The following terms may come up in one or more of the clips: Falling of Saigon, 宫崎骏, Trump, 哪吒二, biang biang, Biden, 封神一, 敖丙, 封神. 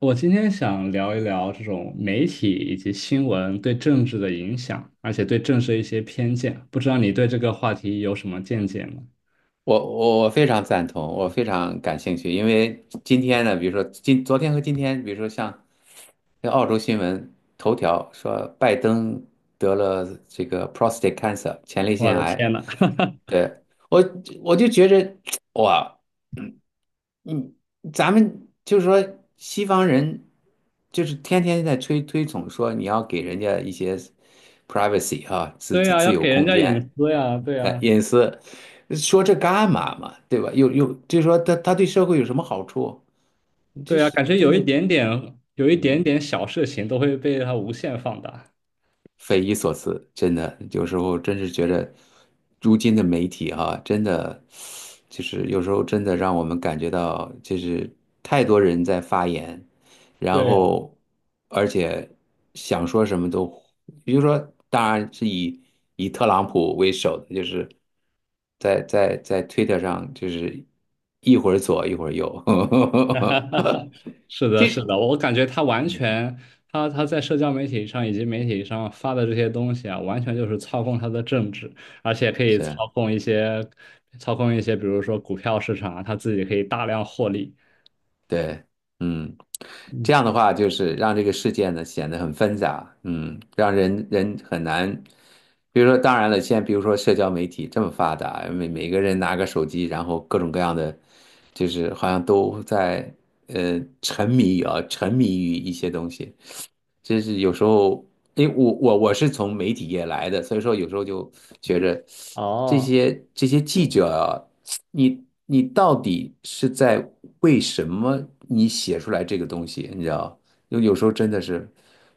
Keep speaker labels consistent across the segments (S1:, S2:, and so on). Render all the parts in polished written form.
S1: 我今天想聊一聊这种媒体以及新闻对政治的影响，而且对政治的一些偏见。不知道你对这个话题有什么见解吗？
S2: 我非常赞同，我非常感兴趣，因为今天呢，比如说昨天和今天，比如说像那澳洲新闻头条说拜登得了这个 prostate cancer 前列
S1: 我
S2: 腺
S1: 的
S2: 癌，
S1: 天呐，
S2: 对，我我就觉着哇。嗯，咱们就是说，西方人就是天天在推崇说你要给人家一些 privacy 啊，自
S1: 对
S2: 自
S1: 呀，要
S2: 自由
S1: 给人
S2: 空
S1: 家隐
S2: 间，
S1: 私呀，对
S2: 哎，
S1: 呀，
S2: 隐私，说这干嘛嘛，对吧？又就是说他对社会有什么好处？这
S1: 对呀，
S2: 是
S1: 感觉
S2: 真
S1: 有一
S2: 的，
S1: 点点，有一点
S2: 嗯
S1: 点小事情都会被它无限放大。
S2: 匪夷所思，真的，有时候真是觉得，如今的媒体哈、真的，就是有时候真的让我们感觉到，就是太多人在发言，然
S1: 对呀，
S2: 后，而且想说什么都，比如说，当然是以特朗普为首的，就是在推特上，就是一会儿左一会儿右，
S1: 是 的，
S2: 这
S1: 是的，我感觉他完全，他在社交媒体上以及媒体上发的这些东西啊，完全就是操控他的政治，而且可以
S2: 是。
S1: 操控一些，操控一些，比如说股票市场啊，他自己可以大量获利。
S2: 对，嗯，
S1: 嗯，
S2: 这样的话就是让这个世界呢显得很纷杂，让人很难。比如说，当然了，现在比如说社交媒体这么发达，每个人拿个手机，然后各种各样的，就是好像都在沉迷啊，沉迷于一些东西。真是有时候，因为我是从媒体业来的，所以说有时候就觉着这
S1: 哦，
S2: 些这些记者啊，你到底是在为什么你写出来这个东西，你知道？有时候真的是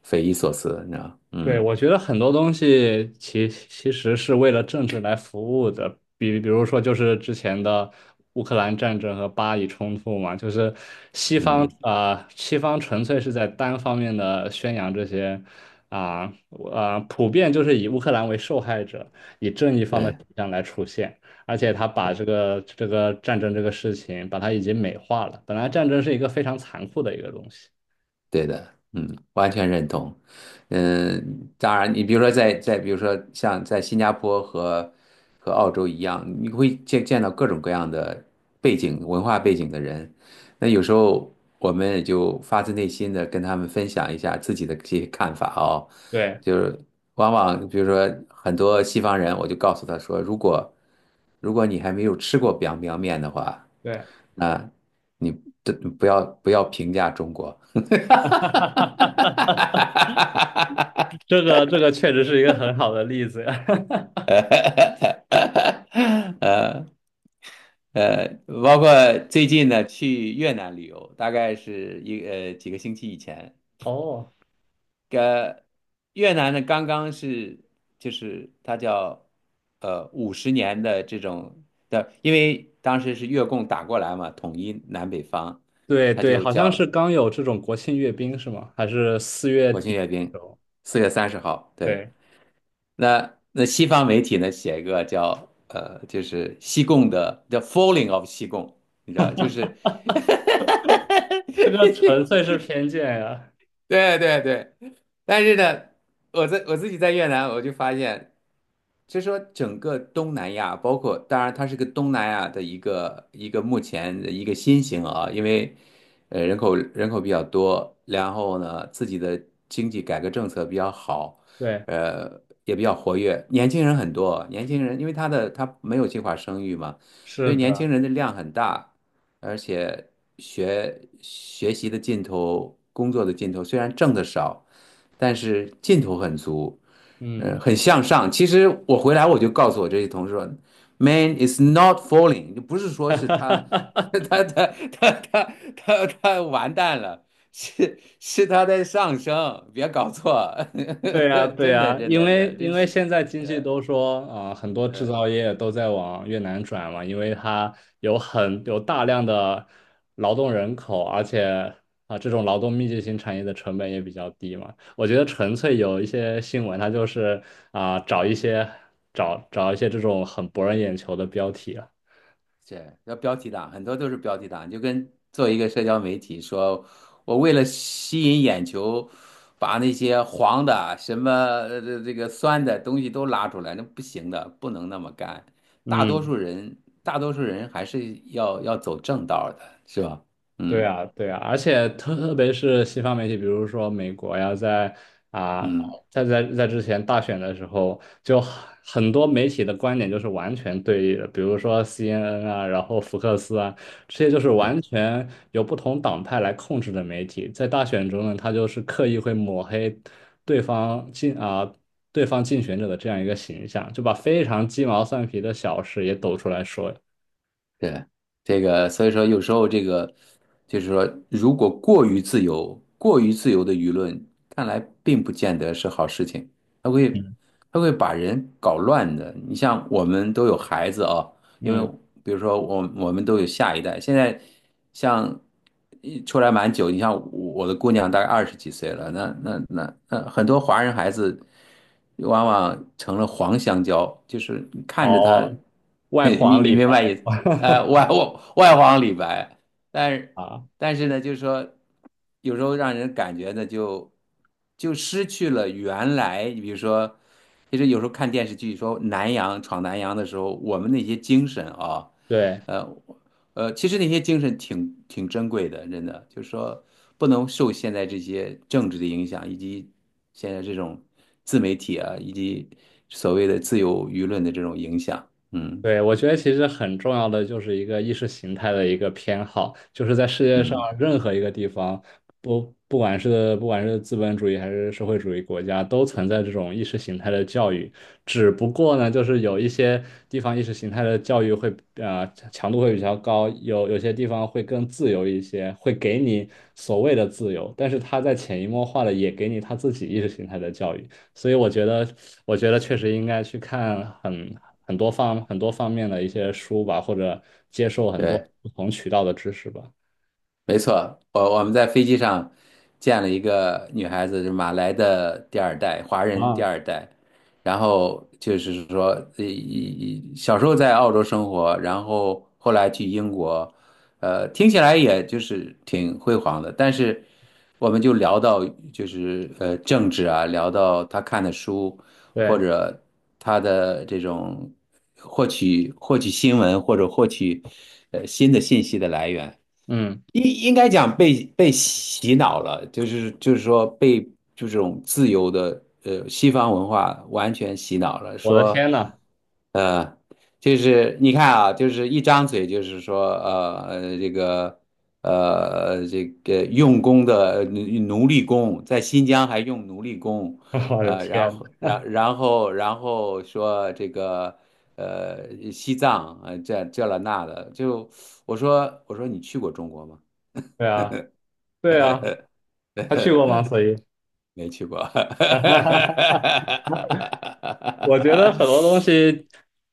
S2: 匪夷所思，你知道？
S1: 对，
S2: 嗯
S1: 我觉得很多东西其实是为了政治来服务的，比如说就是之前的乌克兰战争和巴以冲突嘛，就是西方
S2: 嗯，
S1: 啊、西方纯粹是在单方面的宣扬这些啊普遍就是以乌克兰为受害者，以正义方的
S2: 对
S1: 形象来出现，而且他把
S2: 对。
S1: 这个这个战争这个事情把它已经美化了，本来战争是一个非常残酷的一个东西，
S2: 对的，嗯，完全认同。嗯，当然，你比如说在比如说像在新加坡和澳洲一样，你会见到各种各样的背景、文化背景的人。那有时候我们也就发自内心的跟他们分享一下自己的这些看法哦。
S1: 对
S2: 就是往往比如说很多西方人，我就告诉他说，如果你还没有吃过 biang biang 面的话，
S1: 对。
S2: 啊，你这不要评价中国。
S1: 这个这个确实是一个很好的例子呀。
S2: 呃呃，包括最近呢，去越南旅游，大概是几个星期以前，
S1: 哦，
S2: 越南呢刚刚是就是它叫50年的这种的，因为当时是越共打过来嘛，统一南北方，
S1: 对
S2: 它
S1: 对，
S2: 就
S1: 好像是
S2: 叫
S1: 刚有这种国庆阅兵是吗？还是四月
S2: 国庆
S1: 底
S2: 阅兵，
S1: 的时候？
S2: 4月30号。对，
S1: 对，
S2: 那西方媒体呢写一个叫就是西贡的叫 Falling of 西贡，你知道，就是
S1: 这个纯粹 是偏见呀。
S2: 对对对，但是呢，我自己在越南，我就发现，就说整个东南亚，包括当然它是个东南亚的一个目前的一个新型啊，因为人口比较多，然后呢自己的经济改革政策比较好，
S1: 对，
S2: 也比较活跃，年轻人很多，年轻人因为他没有计划生育嘛，所
S1: 是
S2: 以年轻
S1: 的，
S2: 人的量很大。而且学习的劲头、工作的劲头，虽然挣得少，但是劲头很足，
S1: 嗯。
S2: 很向上。其实我回来我就告诉我这些同事说，Man is not falling，就不是说是他，是 他完蛋了，是他在上升，别搞错，
S1: 对呀，对
S2: 真的
S1: 呀，
S2: 真
S1: 因
S2: 的这
S1: 为
S2: 这
S1: 因为
S2: 是。
S1: 现在经济都说，啊、很多制造业都在往越南转嘛，因为它有很有大量的劳动人口，而且啊、这种劳动密集型产业的成本也比较低嘛。我觉得纯粹有一些新闻，它就是啊、找一些找找一些这种很博人眼球的标题啊。
S2: 是要标题党，很多都是标题党，就跟做一个社交媒体说，我为了吸引眼球，把那些黄的、什么这个酸的东西都拉出来，那不行的，不能那么干。大多数
S1: 嗯
S2: 人，大多数人还是要走正道的，是吧？
S1: 对
S2: 嗯
S1: 啊，对啊，而且特别是西方媒体，比如说美国呀，在啊，
S2: 嗯，
S1: 在之前大选的时候，就很很多媒体的观点就是完全对立的，比如说 CNN 啊，然后福克斯啊，这些就是
S2: 对。
S1: 完全由不同党派来控制的媒体，在大选中呢，他就是刻意会抹黑对方竞啊对方竞选者的这样一个形象，就把非常鸡毛蒜皮的小事也抖出来说，
S2: 对，这个，所以说有时候这个，就是说，如果过于自由的舆论，看来并不见得是好事情，它会，它会把人搞乱的。你像我们都有孩子啊，因为
S1: 嗯，
S2: 比如说我们都有下一代，现在像一出来蛮久，你像我的姑娘大概20几岁了，那很多华人孩子往往成了黄香蕉，就是你看着他。
S1: 哦，外
S2: 你
S1: 黄
S2: 你
S1: 里
S2: 明白意
S1: 白。
S2: 思？外黄李白，但是
S1: 啊。
S2: 呢，就是说，有时候让人感觉呢，就失去了原来，你比如说，其实有时候看电视剧说南洋闯南洋的时候，我们那些精神啊，
S1: 对
S2: 呃其实那些精神挺珍贵的，真的，就是说不能受现在这些政治的影响，以及现在这种自媒体啊，以及所谓的自由舆论的这种影响，嗯。
S1: 对，我觉得其实很重要的就是一个意识形态的一个偏好，就是在世界上
S2: 嗯，
S1: 任何一个地方，不管是不管是资本主义还是社会主义国家，都存在这种意识形态的教育。只不过呢，就是有一些地方意识形态的教育会强度会比较高，有些地方会更自由一些，会给你所谓的自由，但是他在潜移默化的也给你他自己意识形态的教育。所以我觉得，我觉得确实应该去看很多方面的一些书吧，或者接受很多
S2: 对，
S1: 不同渠道的知识吧。
S2: 没错，我们在飞机上见了一个女孩子，是马来的第二代，华人第
S1: 啊，
S2: 二代。然后就是说，小时候在澳洲生活，然后后来去英国，听起来也就是挺辉煌的。但是我们就聊到就是政治啊，聊到他看的书，或
S1: 对，
S2: 者他的这种获取新闻或者获取新的信息的来源。
S1: 嗯，
S2: 应应该讲被洗脑了，就是说被就这种自由的西方文化完全洗脑了，
S1: 我的
S2: 说，
S1: 天呐，
S2: 呃，就是你看啊，就是一张嘴就是说这个用工的奴隶工，在新疆还用奴隶工，
S1: 我的
S2: 然
S1: 天，
S2: 后然然后然后说这个。西藏，这了那的，就我说你去过中国吗？
S1: 对啊，对啊，他去过吗？所以，
S2: 没去过。
S1: 哈哈哈。我觉得很多东西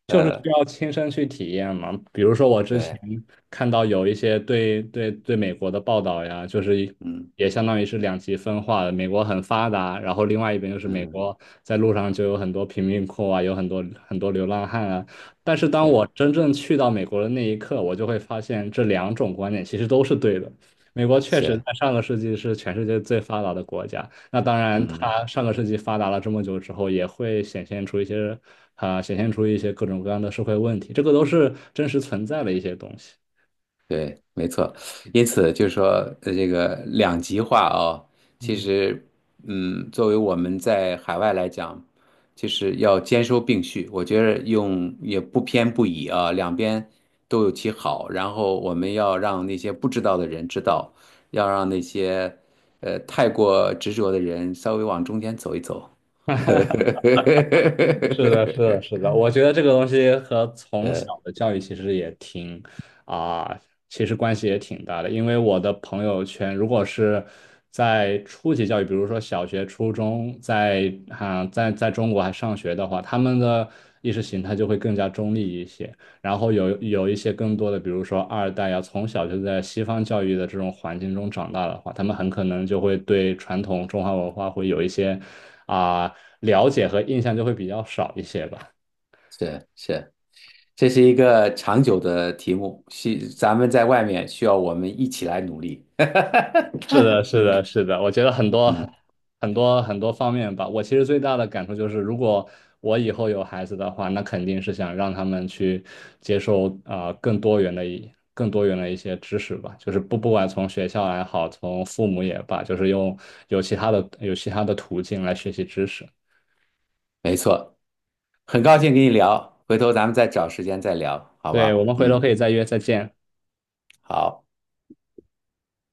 S1: 就是需要亲身去体验嘛。比如说，我之前
S2: 对，
S1: 看到有一些对美国的报道呀，就是
S2: 嗯
S1: 也相当于是两极分化的。美国很发达，然后另外一边就是美
S2: 嗯，
S1: 国在路上就有很多贫民窟啊，有很多很多流浪汉啊。但是当
S2: 是
S1: 我真正去到美国的那一刻，我就会发现这两种观点其实都是对的。美国确实
S2: 是，
S1: 在上个世纪是全世界最发达的国家。那当然，
S2: 嗯。
S1: 它上个世纪发达了这么久之后，也会显现出一些啊、显现出一些各种各样的社会问题，这个都是真实存在的一些东西。
S2: 对，没错。因此就是说，这个两极化啊、其
S1: 嗯。
S2: 实，嗯，作为我们在海外来讲，就是要兼收并蓄。我觉得用也不偏不倚啊，两边都有其好。然后我们要让那些不知道的人知道，要让那些太过执着的人稍微往中间走一走。
S1: 是的，是的，是的，我觉得这个东西和从小
S2: 呃，
S1: 的教育其实也挺啊、其实关系也挺大的。因为我的朋友圈，如果是在初级教育，比如说小学、初中，在啊、在中国还上学的话，他们的意识形态就会更加中立一些。然后有一些更多的，比如说二代呀，从小就在西方教育的这种环境中长大的话，他们很可能就会对传统中华文化会有一些啊、了解和印象就会比较少一些吧。
S2: 是是。这是一个长久的题目，需咱们在外面需要我们一起来努力。
S1: 是嗯 的，是的，是的，我觉得很多
S2: 嗯，
S1: 很多很多方面吧。我其实最大的感受就是，如果我以后有孩子的话，那肯定是想让他们去接受啊、更多元的一些知识吧。就是不管从学校也好，从父母也罢，就是用有其他的途径来学习知识。
S2: 没错，很高兴跟你聊，回头咱们再找时间再聊，好
S1: 对，我
S2: 吧？
S1: 们回头
S2: 嗯，
S1: 可以再约，再见。
S2: 好。